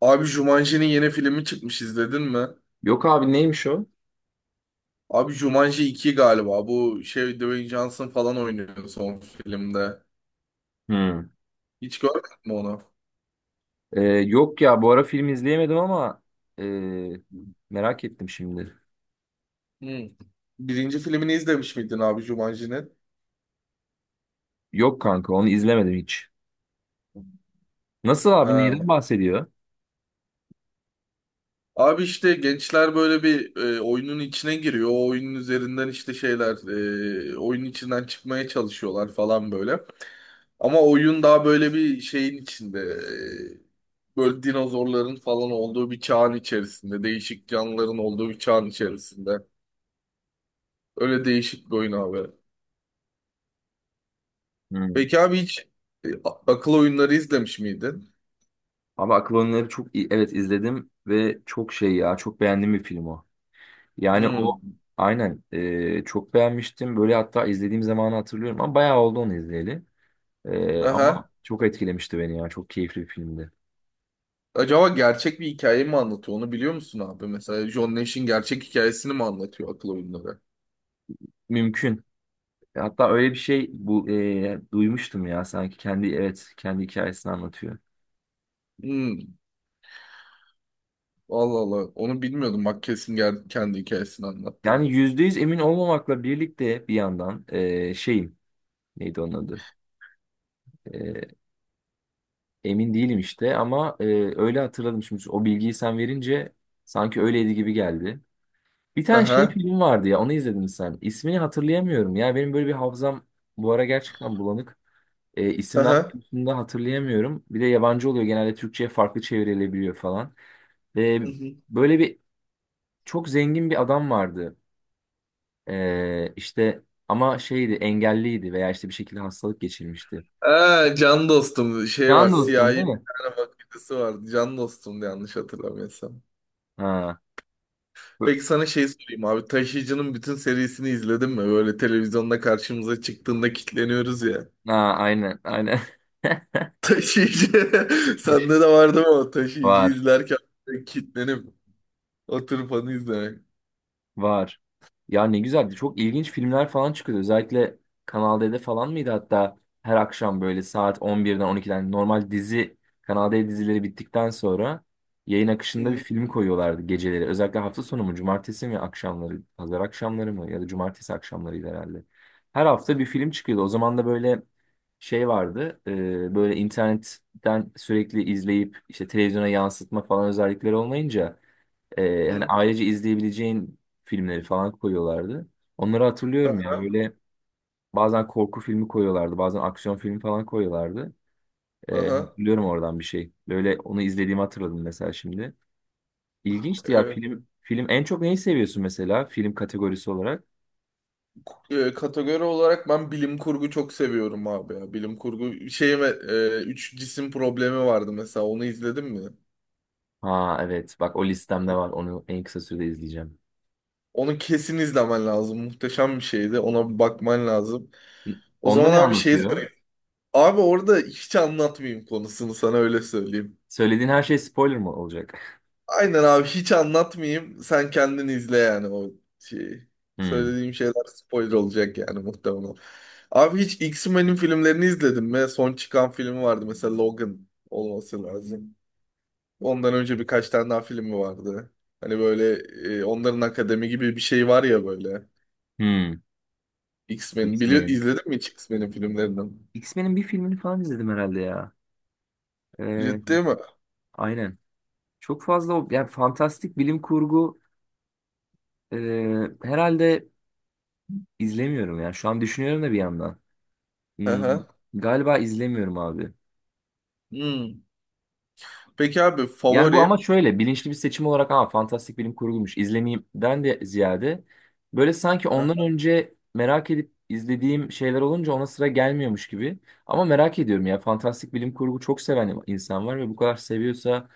Abi Jumanji'nin yeni filmi çıkmış izledin mi? Yok abi neymiş o? Abi Jumanji 2 galiba. Bu şey Dwayne Johnson falan oynuyor son filmde. Hmm. Hiç görmedin mi onu? Yok ya bu ara film izleyemedim ama ee, merak ettim şimdi. Hmm. Birinci filmini izlemiş miydin abi Jumanji'nin? Yok kanka onu izlemedim hiç. Nasıl abi Ha. neyden bahsediyor? Abi işte gençler böyle bir oyunun içine giriyor. O oyunun üzerinden işte şeyler oyunun içinden çıkmaya çalışıyorlar falan böyle. Ama oyun daha böyle bir şeyin içinde. Böyle dinozorların falan olduğu bir çağın içerisinde. Değişik canlıların olduğu bir çağın içerisinde. Öyle değişik bir oyun abi. Hmm. Peki abi hiç akıl oyunları izlemiş miydin? Abi Akıl Oyunları çok iyi. Evet izledim ve çok şey ya çok beğendiğim bir film o. Yani Hmm. o aynen çok beğenmiştim. Böyle hatta izlediğim zamanı hatırlıyorum ama bayağı oldu onu izleyeli. Ama Aha. çok etkilemişti beni ya çok keyifli bir filmdi. Acaba gerçek bir hikaye mi anlatıyor? Onu biliyor musun abi? Mesela John Nash'in gerçek hikayesini mi anlatıyor akıl oyunları? Mümkün. Hatta öyle bir şey bu duymuştum ya sanki kendi, evet, kendi hikayesini anlatıyor. Hmm. Allah Allah. Onu bilmiyordum. Bak kesin kendi hikayesini anlattı. Yani %100 emin olmamakla birlikte bir yandan şeyim, neydi onun adı? E, Emin değilim işte ama öyle hatırladım şimdi o bilgiyi sen verince, sanki öyleydi gibi geldi. Bir tane şey Aha. film vardı ya, onu izledin mi sen? İsmini hatırlayamıyorum ya, benim böyle bir hafızam bu ara gerçekten bulanık. İsimler Aha. konusunda hatırlayamıyorum. Bir de yabancı oluyor genelde, Türkçe'ye farklı çevrilebiliyor falan. E, Böyle bir çok zengin bir adam vardı. İşte ama şeydi, engelliydi veya işte bir şekilde hastalık geçirmişti. Aa, can dostum şey var, Can dostun siyahi bir değil mi? tane makinesi var. Can dostumdu yanlış hatırlamıyorsam. Ha, bu- Peki sana şey sorayım abi, Taşıyıcı'nın bütün serisini izledin mi? Böyle televizyonda karşımıza çıktığında kilitleniyoruz ya. ha aynen aynen. Taşıyıcı sende de vardı mı o Taşıyıcı Var. izlerken böyle kilitlenip oturup onu izlemek. Var. Ya ne güzeldi. Çok ilginç filmler falan çıkıyordu. Özellikle Kanal D'de falan mıydı hatta, her akşam böyle saat 11'den 12'den normal dizi Kanal D dizileri bittikten sonra yayın akışında bir Hı film koyuyorlardı geceleri. Özellikle hafta sonu mu, cumartesi mi akşamları, pazar akşamları mı ya da cumartesi akşamlarıydı herhalde. Her hafta bir film çıkıyordu. O zaman da böyle şey vardı. Böyle internetten sürekli izleyip işte televizyona yansıtma falan özellikleri olmayınca hani hı. ailece izleyebileceğin filmleri falan koyuyorlardı. Onları hatırlıyorum Aha, ya, böyle bazen korku filmi koyuyorlardı, bazen aksiyon filmi falan koyuyorlardı. Aha. Hatırlıyorum oradan bir şey. Böyle onu izlediğimi hatırladım mesela şimdi. İlginçti ya Evet. film. Film en çok neyi seviyorsun mesela, film kategorisi olarak? Kategori olarak ben bilim kurgu çok seviyorum abi ya. Bilim kurgu şeyime üç cisim problemi vardı mesela, onu izledin mi? Ha evet, bak o listemde var, onu en kısa sürede izleyeceğim. Onu kesin izlemen lazım. Muhteşem bir şeydi. Ona bir bakman lazım. O Onda zaman ne abi şeyi anlatıyor? sorayım. Abi orada hiç anlatmayayım konusunu, sana öyle söyleyeyim. Söylediğin her şey spoiler mı olacak? Aynen abi, hiç anlatmayayım. Sen kendin izle yani o şeyi. Hmm. Söylediğim şeyler spoiler olacak yani muhtemelen. Abi hiç X-Men'in filmlerini izledin mi? Son çıkan filmi vardı mesela, Logan olması lazım. Ondan önce birkaç tane daha filmi vardı. Hani böyle onların akademi gibi bir şey var ya böyle. Hmm. X-Men. X-Men'in. İzledin mi hiç X-Men'in filmlerinden? X-Men'in bir filmini falan izledim herhalde ya. Ee, Ciddi mi? aynen. Çok fazla yani fantastik bilim kurgu e, herhalde izlemiyorum ya. Şu an düşünüyorum da bir yandan. Hmm, Aha. Galiba izlemiyorum abi. Hmm. Peki abi Yani bu ama favori? şöyle, bilinçli bir seçim olarak ama fantastik bilim kurgumuş izlemeyimden de ziyade, böyle sanki ondan Aha. önce merak edip izlediğim şeyler olunca ona sıra gelmiyormuş gibi. Ama merak ediyorum ya, fantastik bilim kurgu çok seven insan var ve bu kadar seviyorsa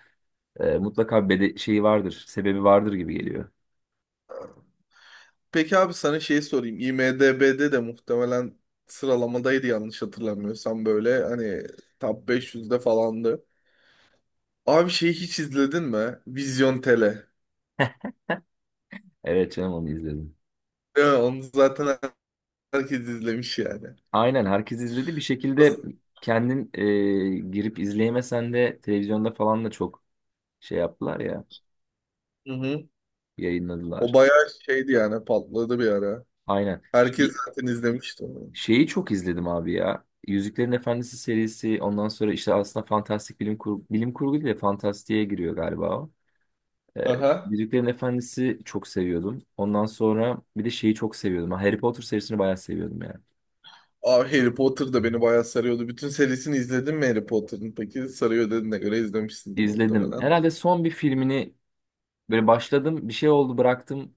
mutlaka bede şeyi vardır, sebebi vardır gibi geliyor. Peki abi sana şey sorayım. IMDb'de de muhtemelen sıralamadaydı yanlış hatırlamıyorsam, böyle hani top 500'de falandı. Abi şeyi hiç izledin mi? Vizyon Tele. Evet canım, onu izledim. Evet, onu zaten herkes izlemiş yani. Aynen, herkes izledi. Bir şekilde Nasıl? kendin girip izleyemesen de televizyonda falan da çok şey yaptılar ya, Hı hı. O yayınladılar. bayağı şeydi yani, patladı bir ara. Aynen. Herkes zaten izlemişti onu. Şeyi çok izledim abi ya. Yüzüklerin Efendisi serisi, ondan sonra işte aslında fantastik bilim kurgu, bilim kurgu değil de fantastiğe giriyor galiba o. Ee, Aha. Yüzüklerin Efendisi çok seviyordum. Ondan sonra bir de şeyi çok seviyordum. Ha, Harry Potter serisini bayağı seviyordum yani. Abi Harry Potter da beni bayağı sarıyordu. Bütün serisini izledin mi Harry Potter'ın? Peki sarıyor dediğine göre izlemişsindir İzledim. muhtemelen. Herhalde son bir filmini. Böyle başladım, bir şey oldu, bıraktım.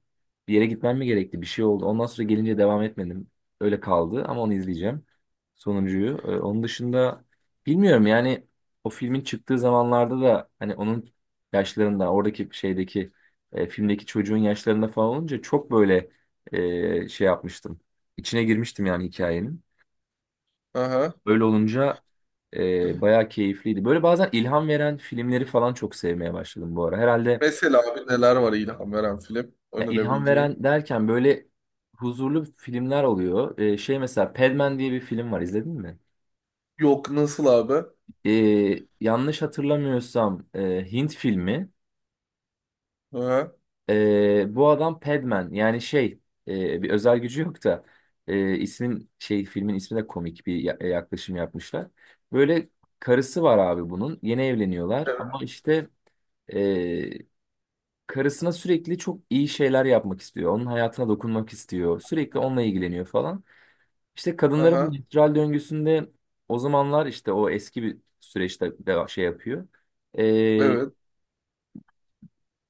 Bir yere gitmem mi gerekti? Bir şey oldu. Ondan sonra gelince devam etmedim. Öyle kaldı ama onu izleyeceğim. Sonuncuyu. Onun dışında bilmiyorum yani, o filmin çıktığı zamanlarda da hani onun yaşlarında, oradaki şeydeki filmdeki çocuğun yaşlarında falan olunca çok böyle şey yapmıştım. İçine girmiştim yani hikayenin. Aha. Öyle olunca bayağı keyifliydi. Böyle bazen ilham veren filmleri falan çok sevmeye başladım bu ara. Herhalde. Mesela abi neler var ilham veren film Ya, ilham önerebileceğin? veren derken böyle huzurlu filmler oluyor. Şey mesela Padman diye bir film var, izledin mi? Yok, nasıl abi? Ee, Yanlış hatırlamıyorsam Hint filmi. Aha. Bu adam Padman yani şey, bir özel gücü yok da ismin şey, filmin ismi de komik bir yaklaşım yapmışlar. Böyle karısı var abi bunun, yeni evleniyorlar Evet. ama işte e, karısına sürekli çok iyi şeyler yapmak istiyor. Onun hayatına dokunmak istiyor, sürekli onunla ilgileniyor falan. İşte kadınların bu Aha. menstrual döngüsünde, o zamanlar işte o eski bir süreçte de şey yapıyor. Ee, Evet.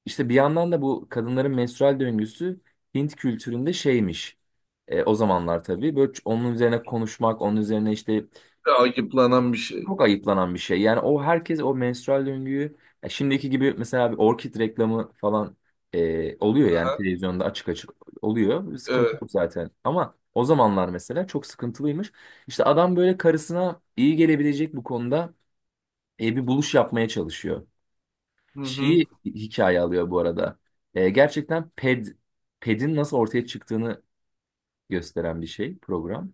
işte bir yandan da bu kadınların menstrual döngüsü Hint kültüründe şeymiş. O zamanlar tabii böyle onun üzerine konuşmak, onun üzerine işte. Takiplanan bir şey. Çok ayıplanan bir şey. Yani o, herkes o menstrual döngüyü, ya şimdiki gibi mesela bir orkid reklamı falan oluyor yani Aha. televizyonda açık açık oluyor. Bir sıkıntı Evet. yok zaten. Ama o zamanlar mesela çok sıkıntılıymış. İşte adam böyle karısına iyi gelebilecek bu konuda bir buluş yapmaya çalışıyor. Hı hı. Şeyi hikaye alıyor bu arada. Gerçekten pedin nasıl ortaya çıktığını gösteren bir şey program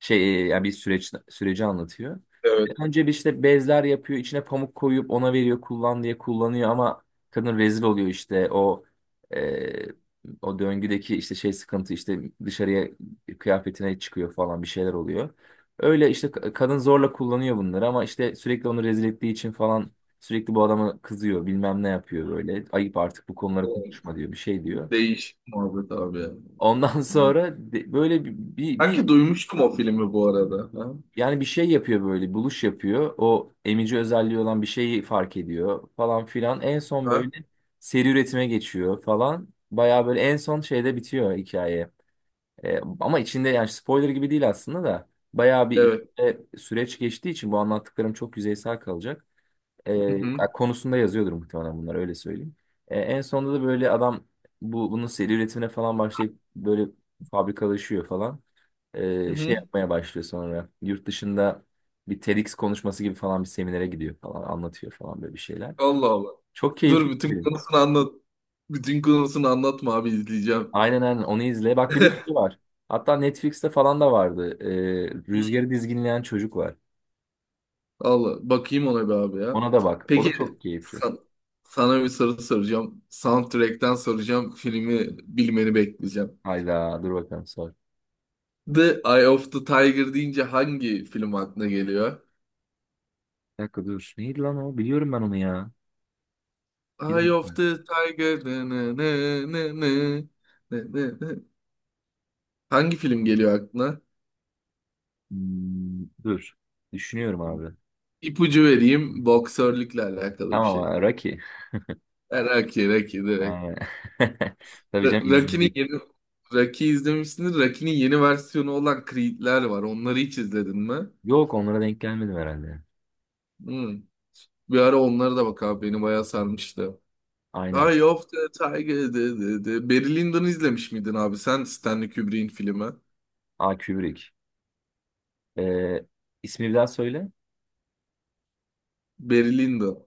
yani bir süreç, süreci anlatıyor. Evet. Önce bir işte bezler yapıyor, içine pamuk koyup ona veriyor, kullan diye kullanıyor ama kadın rezil oluyor işte, e, o döngüdeki işte şey sıkıntı, işte dışarıya kıyafetine çıkıyor falan, bir şeyler oluyor. Öyle işte kadın zorla kullanıyor bunları ama işte sürekli onu rezil ettiği için falan sürekli bu adama kızıyor, bilmem ne yapıyor böyle. Ayıp artık bu konuları konuşma diyor, bir şey diyor. Değişik muhabbet abi ya. Ondan sonra böyle bir, bir, bir Sanki duymuştum o filmi bu arada. Ha? yani bir şey yapıyor böyle, buluş yapıyor. O emici özelliği olan bir şeyi fark ediyor falan filan. En son böyle Ha? seri üretime geçiyor falan. Bayağı böyle en son şeyde bitiyor hikaye. Ama içinde yani spoiler gibi değil aslında da. Bayağı bir Evet. içinde süreç geçtiği için bu anlattıklarım çok yüzeysel kalacak. Hı hı. Konusunda yazıyordur muhtemelen bunlar, öyle söyleyeyim. En sonunda da böyle adam bunun seri üretimine falan başlayıp böyle fabrikalaşıyor falan. Hı Şey hı. yapmaya başlıyor sonra. Yurt dışında bir TEDx konuşması gibi falan bir seminere gidiyor falan, anlatıyor falan böyle bir şeyler. Allah Allah. Çok keyifli Dur, bir bütün film. konusunu anlat. Bütün konusunu anlatma abi, izleyeceğim. Aynen aynen, onu izle. Bak bir de şey var. Hatta Netflix'te falan da vardı. Hmm. Rüzgarı Dizginleyen Çocuk var. Allah, bakayım ona bir abi ya. Ona da bak. O da Peki çok keyifli. san- sana bir soru soracağım. Soundtrack'ten soracağım. Filmi bilmeni bekleyeceğim. Hayda, dur bakalım sor. The Eye of the Tiger deyince hangi film aklına geliyor? Bir dakika dur. Neydi lan o? Biliyorum ben onu ya. Bir Eye of dakika. the Tiger. Ne, ne, ne, ne, ne, ne, ne, ne. Hangi film geliyor aklına? Dur. Düşünüyorum abi. İpucu vereyim. Boksörlükle alakalı bir Tamam şey. ha, Rocky. Rocky, Rocky, direkt. Aynen. Tabii canım, Rocky'nin izledik. yeni, Rocky izlemişsindir. Rocky'nin yeni versiyonu olan Creed'ler var. Onları hiç izledin mi? Yok, onlara denk gelmedim herhalde. Hmm. Bir ara onlara da bak abi, beni bayağı sarmıştı. Aynen. Eye of the Tiger. De, de, de. Barry Lyndon'u izlemiş miydin abi sen, Stanley Kubrick'in filmi? Aa, Kubrick. Ee, ismi bir daha söyle. Barry Lyndon.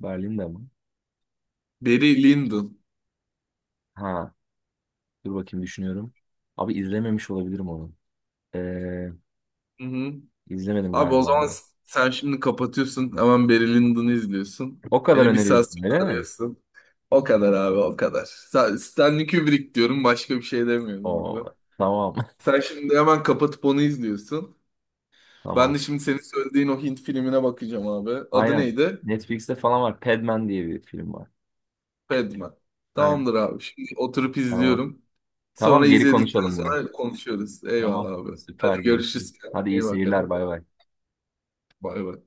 Berlin'de mi? Barry Lyndon. Ha, dur bakayım, düşünüyorum. Abi izlememiş olabilirim onu. Ee, Hı hı. izlemedim Abi o galiba. zaman sen şimdi kapatıyorsun. Hemen Barry Lyndon'u izliyorsun. O kadar Beni bir saat öneriyorsun öyle sonra mi? arıyorsun. O kadar abi, o kadar. Stanley Kubrick diyorum, başka bir şey demiyorum O abi. tamam, Sen şimdi hemen kapatıp onu izliyorsun. Ben tamam. de şimdi senin söylediğin o Hint filmine bakacağım abi. Adı Aynen. neydi? Netflix'te falan var. Padman diye bir film var. Padma. Aynen. Tamamdır abi. Şimdi oturup Tamam. izliyorum. Sonra Tamam, geri izledikten konuşalım bunu. sonra konuşuyoruz. Eyvallah Tamam. abi. Hadi Süper, görüşürüz. görüşürüz. Kendine Hadi iyi iyi seyirler, bakalım. bay bay. Bay bay.